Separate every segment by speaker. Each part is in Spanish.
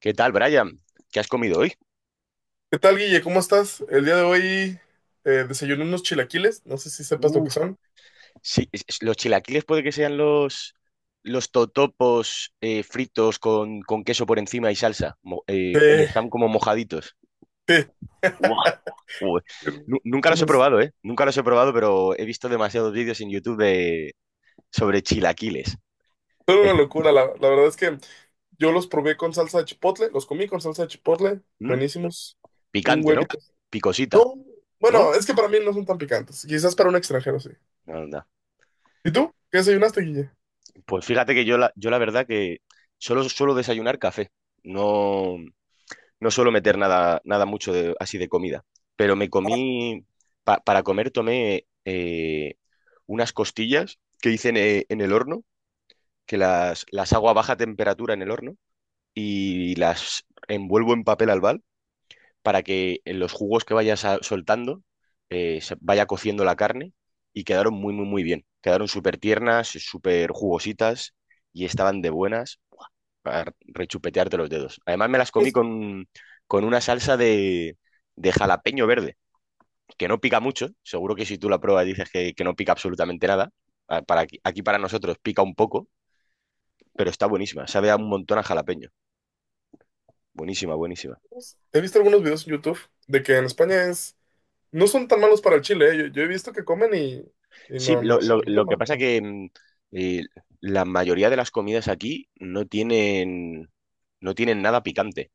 Speaker 1: ¿Qué tal, Brian? ¿Qué has comido hoy?
Speaker 2: ¿Qué tal, Guille? ¿Cómo estás? El día de hoy, desayuné unos chilaquiles, no sé si sepas lo que
Speaker 1: Uf,
Speaker 2: son.
Speaker 1: sí, los chilaquiles puede que sean los totopos, fritos con queso por encima y salsa, y
Speaker 2: Eh,
Speaker 1: están como mojaditos.
Speaker 2: eh,
Speaker 1: ¡Guau! Joder. Nunca los he
Speaker 2: unos-
Speaker 1: probado, ¿eh? Nunca los he probado, pero he visto demasiados vídeos en YouTube, sobre chilaquiles.
Speaker 2: Son una
Speaker 1: Esto-
Speaker 2: locura, la verdad es que yo los probé con salsa de chipotle, los comí con salsa de chipotle,
Speaker 1: ¿Mm?
Speaker 2: buenísimos. Un
Speaker 1: Picante, ¿no?
Speaker 2: huevito.
Speaker 1: Picosita,
Speaker 2: No,
Speaker 1: ¿no?
Speaker 2: bueno, es que para mí no son tan picantes, quizás para un extranjero sí.
Speaker 1: Anda.
Speaker 2: ¿Y tú? ¿Qué desayunaste, Guille?
Speaker 1: Pues fíjate que yo la verdad que solo suelo desayunar café. No. No suelo meter nada, así de comida, pero me comí, para comer tomé, unas costillas que hice en el horno, que las hago a baja temperatura en el horno y las envuelvo en papel albal para que en los jugos que soltando, se vaya cociendo la carne y quedaron muy, muy, muy bien. Quedaron súper tiernas, súper jugositas y estaban de buenas para rechupetearte los dedos. Además, me las comí
Speaker 2: Pues,
Speaker 1: con una salsa de jalapeño verde, que no pica mucho. Seguro que si tú la pruebas dices que no pica absolutamente nada. Para aquí, para nosotros pica un poco, pero está buenísima. Sabe a un montón a jalapeño. Buenísima, buenísima.
Speaker 2: He visto algunos videos en YouTube de que en España no son tan malos para el chile, eh. Yo he visto que comen y
Speaker 1: Sí,
Speaker 2: no, no, no,
Speaker 1: lo,
Speaker 2: no
Speaker 1: lo-
Speaker 2: son
Speaker 1: lo que pasa
Speaker 2: malos.
Speaker 1: que eh, la mayoría de las comidas aquí no tienen nada picante.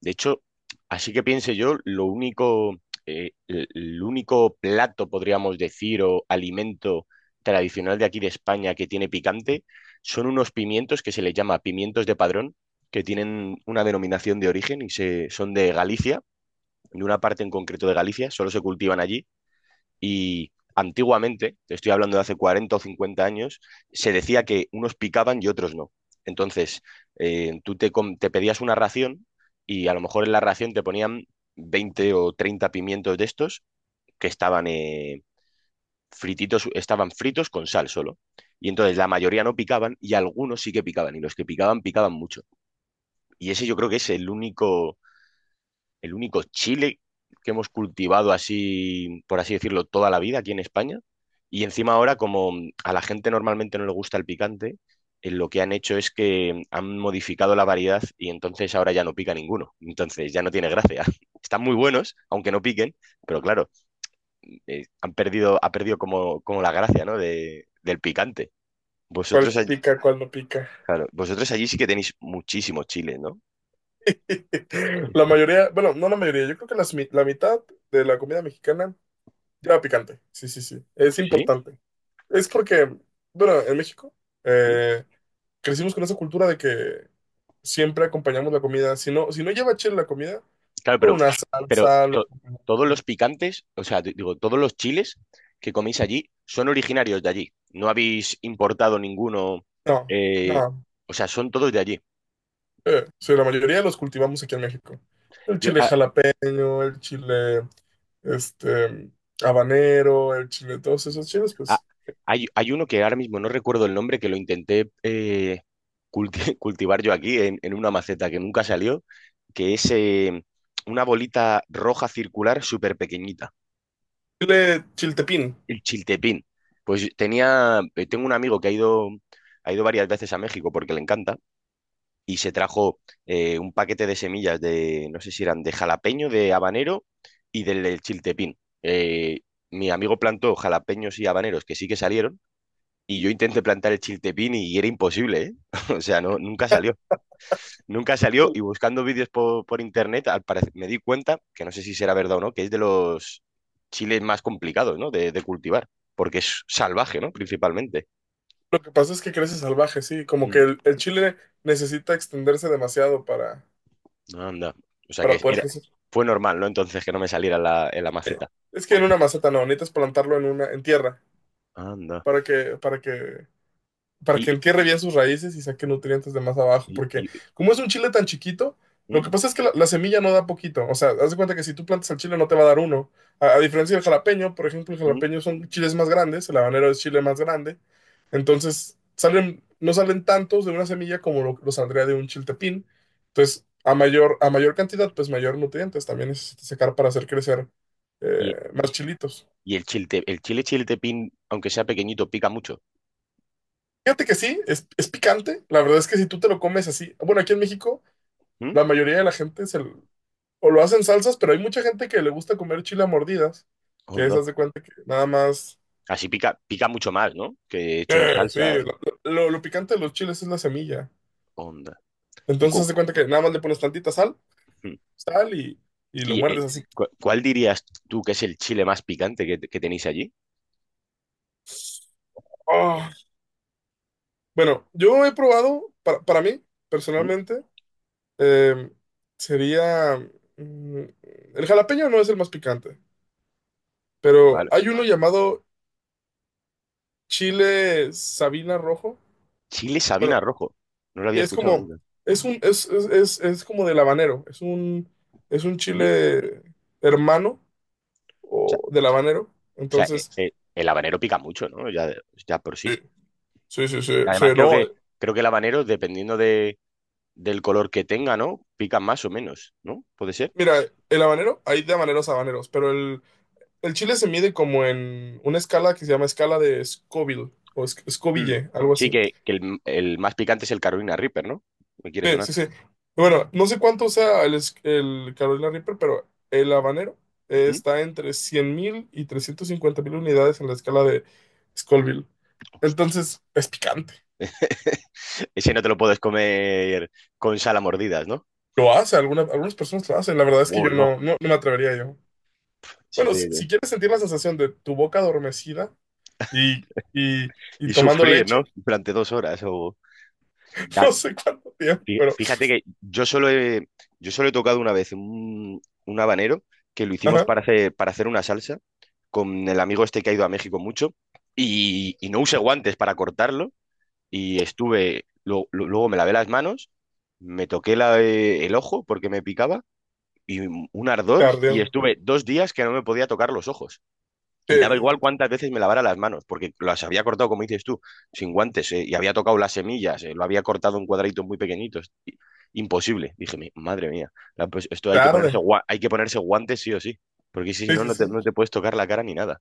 Speaker 1: De hecho, así que piense yo, lo único, el único plato, podríamos decir, o alimento tradicional de aquí de España que tiene picante, son unos pimientos que se les llama pimientos de Padrón, que tienen una denominación de origen son de Galicia, de una parte en concreto de Galicia, solo se cultivan allí. Y antiguamente, te estoy hablando de hace 40 o 50 años, se decía que unos picaban y otros no. Entonces, te pedías una ración y a lo mejor en la ración te ponían 20 o 30 pimientos de estos que estaban, frititos, estaban fritos con sal solo. Y entonces la mayoría no picaban y algunos sí que picaban y los que picaban picaban mucho. Y ese yo creo que es el único chile que hemos cultivado así, por así decirlo, toda la vida aquí en España. Y encima ahora, como a la gente normalmente no le gusta el picante, lo que han hecho es que han modificado la variedad y entonces ahora ya no pica ninguno. Entonces ya no tiene gracia. Están muy buenos, aunque no piquen, pero claro, ha perdido como, como la gracia, ¿no? Del picante.
Speaker 2: ¿Cuál
Speaker 1: Vosotros, all-
Speaker 2: pica, cuál no pica?
Speaker 1: claro, vosotros allí sí que tenéis muchísimos chiles, ¿no?
Speaker 2: La mayoría, bueno, no la mayoría, yo creo que la mitad de la comida mexicana lleva picante. Sí, sí, sí, es
Speaker 1: Sí.
Speaker 2: importante. Es porque, bueno, en México eh, crecimos con esa cultura de que siempre acompañamos la comida. Si no, si no lleva chile la comida,
Speaker 1: Claro,
Speaker 2: con una
Speaker 1: pero
Speaker 2: salsa.
Speaker 1: to- todos los picantes, o sea, digo, todos los chiles que coméis allí son originarios de allí. No habéis importado ninguno,
Speaker 2: No,
Speaker 1: eh,
Speaker 2: no.
Speaker 1: o sea, son todos de allí.
Speaker 2: Sí, la mayoría de los cultivamos aquí en México. El
Speaker 1: Yo-
Speaker 2: chile
Speaker 1: ah,
Speaker 2: jalapeño, el chile este habanero, el chile, todos esos chiles,
Speaker 1: ah,
Speaker 2: pues.
Speaker 1: hay uno que ahora mismo no recuerdo el nombre, que lo intenté, cultivar yo aquí en una maceta que nunca salió, que es, una bolita roja circular súper pequeñita.
Speaker 2: Chile chiltepín.
Speaker 1: El chiltepín. Tengo un amigo que ha ido varias veces a México porque le encanta y se trajo, un paquete de semillas de, no sé si eran de jalapeño, de habanero y del chiltepín. Mi amigo plantó jalapeños y habaneros que sí que salieron y yo intenté plantar el chiltepín y era imposible, ¿eh? O sea, no, nunca salió, y buscando vídeos por internet, al parecer, me di cuenta, que no sé si será verdad o no, que es de los chiles más complicados, ¿no? De cultivar, porque es salvaje, ¿no? Principalmente.
Speaker 2: Lo que pasa es que crece salvaje, sí, como que
Speaker 1: Mm.
Speaker 2: el chile necesita extenderse demasiado para,
Speaker 1: Anda. O sea que
Speaker 2: para poder
Speaker 1: era,
Speaker 2: crecer.
Speaker 1: Fue normal, ¿no? Entonces que no me saliera en la maceta.
Speaker 2: Es que en una maceta no, necesitas plantarlo en tierra,
Speaker 1: Anda.
Speaker 2: para que, para que para que
Speaker 1: Y,
Speaker 2: entierre bien sus raíces y saque nutrientes de más abajo,
Speaker 1: y,
Speaker 2: porque
Speaker 1: y,
Speaker 2: como es un chile tan chiquito, lo
Speaker 1: ¿Mm?
Speaker 2: que pasa es que la semilla no da poquito, o sea, haz de cuenta que si tú plantas el chile no te va a dar uno, a diferencia del jalapeño, por ejemplo, el
Speaker 1: ¿Mm?
Speaker 2: jalapeño son chiles más grandes, el habanero es chile más grande, entonces salen, no salen tantos de una semilla como lo saldría de un chiltepín, entonces a mayor cantidad, pues mayor nutrientes también necesitas sacar para hacer crecer
Speaker 1: y-
Speaker 2: más chilitos.
Speaker 1: el chile chiltepín, aunque sea pequeñito, pica mucho.
Speaker 2: Fíjate que sí, es picante. La verdad es que si tú te lo comes así, bueno, aquí en México.
Speaker 1: ¿Mm?
Speaker 2: La mayoría de la gente o lo hacen salsas, pero hay mucha gente que le gusta comer chile a mordidas, que
Speaker 1: Onda.
Speaker 2: esas de cuenta que nada más,
Speaker 1: Así pica mucho más, ¿no? Que hecho en
Speaker 2: sí,
Speaker 1: salsa.
Speaker 2: lo picante de los chiles es la semilla.
Speaker 1: Onda. ¿Y
Speaker 2: Entonces
Speaker 1: cu-
Speaker 2: haz de cuenta que nada más le pones tantita sal,
Speaker 1: ¿Mm?
Speaker 2: sal y lo
Speaker 1: ¿Y el-
Speaker 2: muerdes así.
Speaker 1: ¿Cuál dirías tú que es el chile más picante que tenéis allí?
Speaker 2: ¡Ah! Bueno, yo he probado, para mí,
Speaker 1: ¿Mm?
Speaker 2: personalmente, eh, sería, mm, el jalapeño no es el más picante, pero
Speaker 1: Vale.
Speaker 2: hay uno llamado chile Sabina rojo.
Speaker 1: Chile
Speaker 2: Bueno,
Speaker 1: Sabina Rojo. No lo había
Speaker 2: y es
Speaker 1: escuchado
Speaker 2: como,
Speaker 1: nunca.
Speaker 2: es como del habanero, es un
Speaker 1: ¿Mm?
Speaker 2: chile hermano
Speaker 1: Sea,
Speaker 2: o del habanero.
Speaker 1: o sea, eh,
Speaker 2: Entonces,
Speaker 1: eh, el habanero pica mucho, ¿no? Ya, ya por sí.
Speaker 2: eh, sí, sí, sí, sí,
Speaker 1: Además,
Speaker 2: no.
Speaker 1: creo que el habanero, dependiendo del color que tenga, ¿no? Pica más o menos, ¿no? ¿Puede ser?
Speaker 2: Mira, el habanero, hay de habaneros a habaneros, pero el chile se mide como en una escala que se llama escala de Scoville o
Speaker 1: Mm.
Speaker 2: Scoville, algo
Speaker 1: Sí,
Speaker 2: así.
Speaker 1: que el más picante es el Carolina Reaper, ¿no? Me quiere
Speaker 2: Sí, sí,
Speaker 1: sonar.
Speaker 2: sí. Bueno, no sé cuánto sea el Carolina Reaper, pero el habanero
Speaker 1: ¿Mm?
Speaker 2: está entre 100.000 y 350.000 unidades en la escala de Scoville. Entonces, es picante.
Speaker 1: Ese no te lo puedes comer con sal a mordidas, ¿no?
Speaker 2: Lo hace, algunas personas lo hacen. La verdad es que yo
Speaker 1: Bolo.
Speaker 2: no, no, no me atrevería yo. Bueno, si, si quieres sentir la sensación de tu boca adormecida y, y, y
Speaker 1: Y
Speaker 2: tomando
Speaker 1: sufrir,
Speaker 2: leche,
Speaker 1: ¿no? Durante 2 horas. Sea,
Speaker 2: no sé cuánto tiempo, pero
Speaker 1: Fíjate que yo solo he tocado una vez un habanero que lo hicimos
Speaker 2: ajá,
Speaker 1: para hacer una salsa con el amigo este que ha ido a México mucho y no usé guantes para cortarlo y estuve, luego me lavé las manos, me toqué el ojo porque me picaba y un ardor y
Speaker 2: cardio.
Speaker 1: estuve 2 días que no me podía tocar los ojos. Y daba
Speaker 2: Eh,
Speaker 1: igual cuántas veces me lavara las manos, porque las había cortado, como dices tú, sin guantes, y había tocado las semillas, lo había cortado en cuadraditos muy pequeñitos. Imposible. Dije: Madre mía, pues esto hay que
Speaker 2: tarde.
Speaker 1: hay que ponerse guantes sí o sí, porque si si
Speaker 2: Sí,
Speaker 1: no,
Speaker 2: sí,
Speaker 1: no te
Speaker 2: sí.
Speaker 1: puedes tocar la cara ni nada".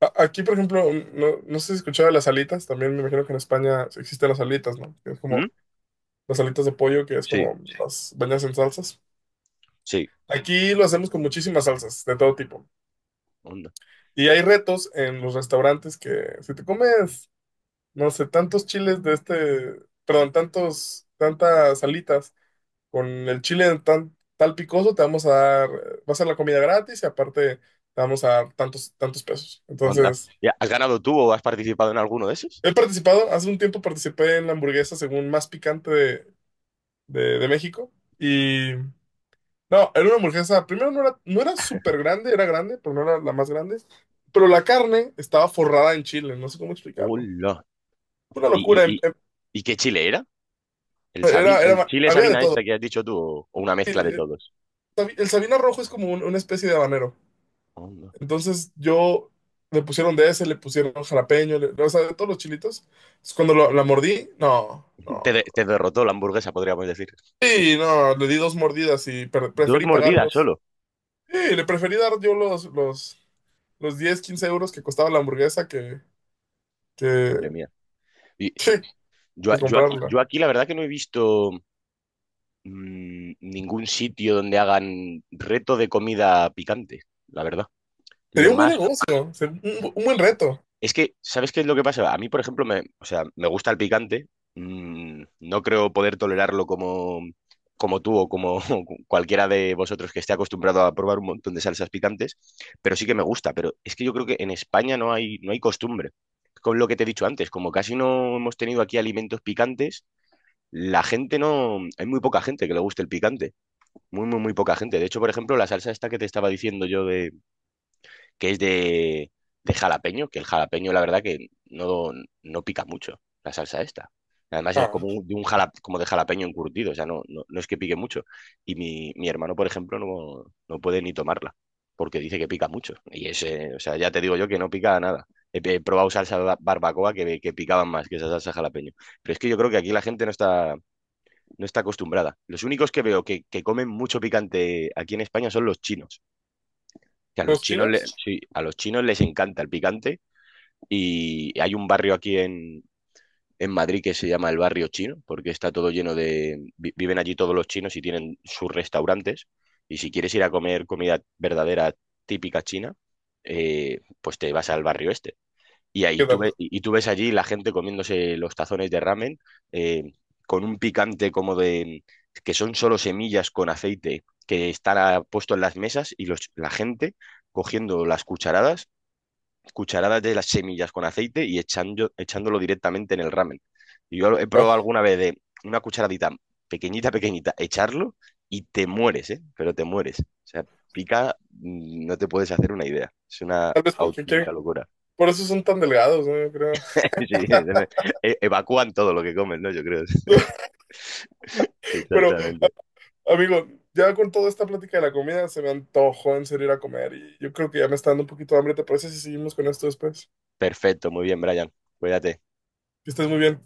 Speaker 2: Aquí, por ejemplo, no, no sé si escuchaba las alitas, también me imagino que en España existen las alitas, ¿no? Que es como
Speaker 1: ¿Mm?
Speaker 2: las alitas de pollo, que es
Speaker 1: Sí,
Speaker 2: como las bañas en salsas.
Speaker 1: sí,
Speaker 2: Aquí lo hacemos con muchísimas salsas, de todo tipo.
Speaker 1: onda,
Speaker 2: Y hay retos en los restaurantes que si te comes, no sé, tantos chiles de este, perdón, tantos, tantas alitas con el chile tal picoso, te vamos a dar, va a ser la comida gratis y aparte te vamos a dar tantos, tantos pesos.
Speaker 1: onda.
Speaker 2: Entonces.
Speaker 1: Ya, ¿has ganado tú o has participado en alguno de esos?
Speaker 2: He participado, hace un tiempo participé en la hamburguesa según más picante de México. Y no, era una hamburguesa, primero no era súper grande, era grande, pero no era la más grande. Pero la carne estaba forrada en chile, no sé cómo explicarlo.
Speaker 1: Hola.
Speaker 2: Una
Speaker 1: ¿Y,
Speaker 2: locura,
Speaker 1: y, y, y qué chile era? ¿El chile
Speaker 2: había de
Speaker 1: Sabina
Speaker 2: todo.
Speaker 1: este que has dicho tú o una
Speaker 2: Y,
Speaker 1: mezcla de todos?
Speaker 2: el Sabina Rojo es como una especie de habanero.
Speaker 1: Onda.
Speaker 2: Entonces yo le pusieron de ese, le pusieron jalapeño, o sea, de todos los chilitos. Entonces, cuando la mordí, no, no, no.
Speaker 1: Te derrotó la hamburguesa, podríamos decir.
Speaker 2: Sí, no, le di dos mordidas y
Speaker 1: Dos
Speaker 2: preferí
Speaker 1: mordidas
Speaker 2: pagarlos.
Speaker 1: solo.
Speaker 2: Sí, le preferí dar yo los 10, 15 euros que costaba la hamburguesa que,
Speaker 1: Madre mía. Y
Speaker 2: que, que comprarla.
Speaker 1: yo aquí la verdad que no he visto, ningún sitio donde hagan reto de comida picante, la verdad.
Speaker 2: Sería
Speaker 1: Lo
Speaker 2: un buen
Speaker 1: más
Speaker 2: negocio, un buen reto.
Speaker 1: Es que, ¿sabes qué es lo que pasa? A mí, por ejemplo, o sea, me gusta el picante. No creo poder tolerarlo como, como tú o como cualquiera de vosotros que esté acostumbrado a probar un montón de salsas picantes, pero sí que me gusta. Pero es que yo creo que en España no hay costumbre. Con lo que te he dicho antes, como casi no hemos tenido aquí alimentos picantes, la gente no. Hay muy poca gente que le guste el picante. Muy, muy, muy poca gente. De hecho, por ejemplo, la salsa esta que te estaba diciendo yo que es de jalapeño, que el jalapeño la verdad que no pica mucho la salsa esta. Además es
Speaker 2: Ah,
Speaker 1: como como de jalapeño encurtido, o sea, no es que pique mucho. Y mi hermano, por ejemplo, no puede ni tomarla, porque dice que pica mucho. Y ese, o sea, ya te digo yo que no pica nada. He probado salsa barbacoa que picaban más que esa salsa jalapeño. Pero es que yo creo que aquí la gente no está acostumbrada. Los únicos que veo que comen mucho picante aquí en España son los chinos que a los
Speaker 2: ¿los
Speaker 1: chinos, le-
Speaker 2: chinos?
Speaker 1: sí, a los chinos les encanta el picante y hay un barrio aquí en Madrid que se llama el barrio chino, porque está todo lleno de… Viven allí todos los chinos y tienen sus restaurantes y si quieres ir a comer comida verdadera típica china, pues te vas al barrio este. Y
Speaker 2: ¿Qué tal?
Speaker 1: y tú ves allí la gente comiéndose los tazones de ramen, eh, con un picante como de que son solo semillas con aceite que están, puesto en las mesas y la gente cogiendo las cucharadas, cucharadas de las semillas con aceite y echándolo directamente en el ramen. Y yo he probado
Speaker 2: Ah,
Speaker 1: alguna vez de una cucharadita pequeñita, pequeñita, echarlo y te mueres, ¿eh? Pero te mueres. O sea, pica, no te puedes hacer una idea. Es una
Speaker 2: tal vez porque
Speaker 1: auténtica locura.
Speaker 2: por eso son tan delgados, ¿no? Yo creo.
Speaker 1: Sí, sí, evacúan todo lo que comen, ¿no? Yo creo.
Speaker 2: Pero,
Speaker 1: Exactamente.
Speaker 2: amigo, ya con toda esta plática de la comida se me antojó en serio ir a comer y yo creo que ya me está dando un poquito de hambre. ¿Te parece si seguimos con esto después?
Speaker 1: Perfecto, muy bien, Brian. Cuídate.
Speaker 2: Que estés muy bien.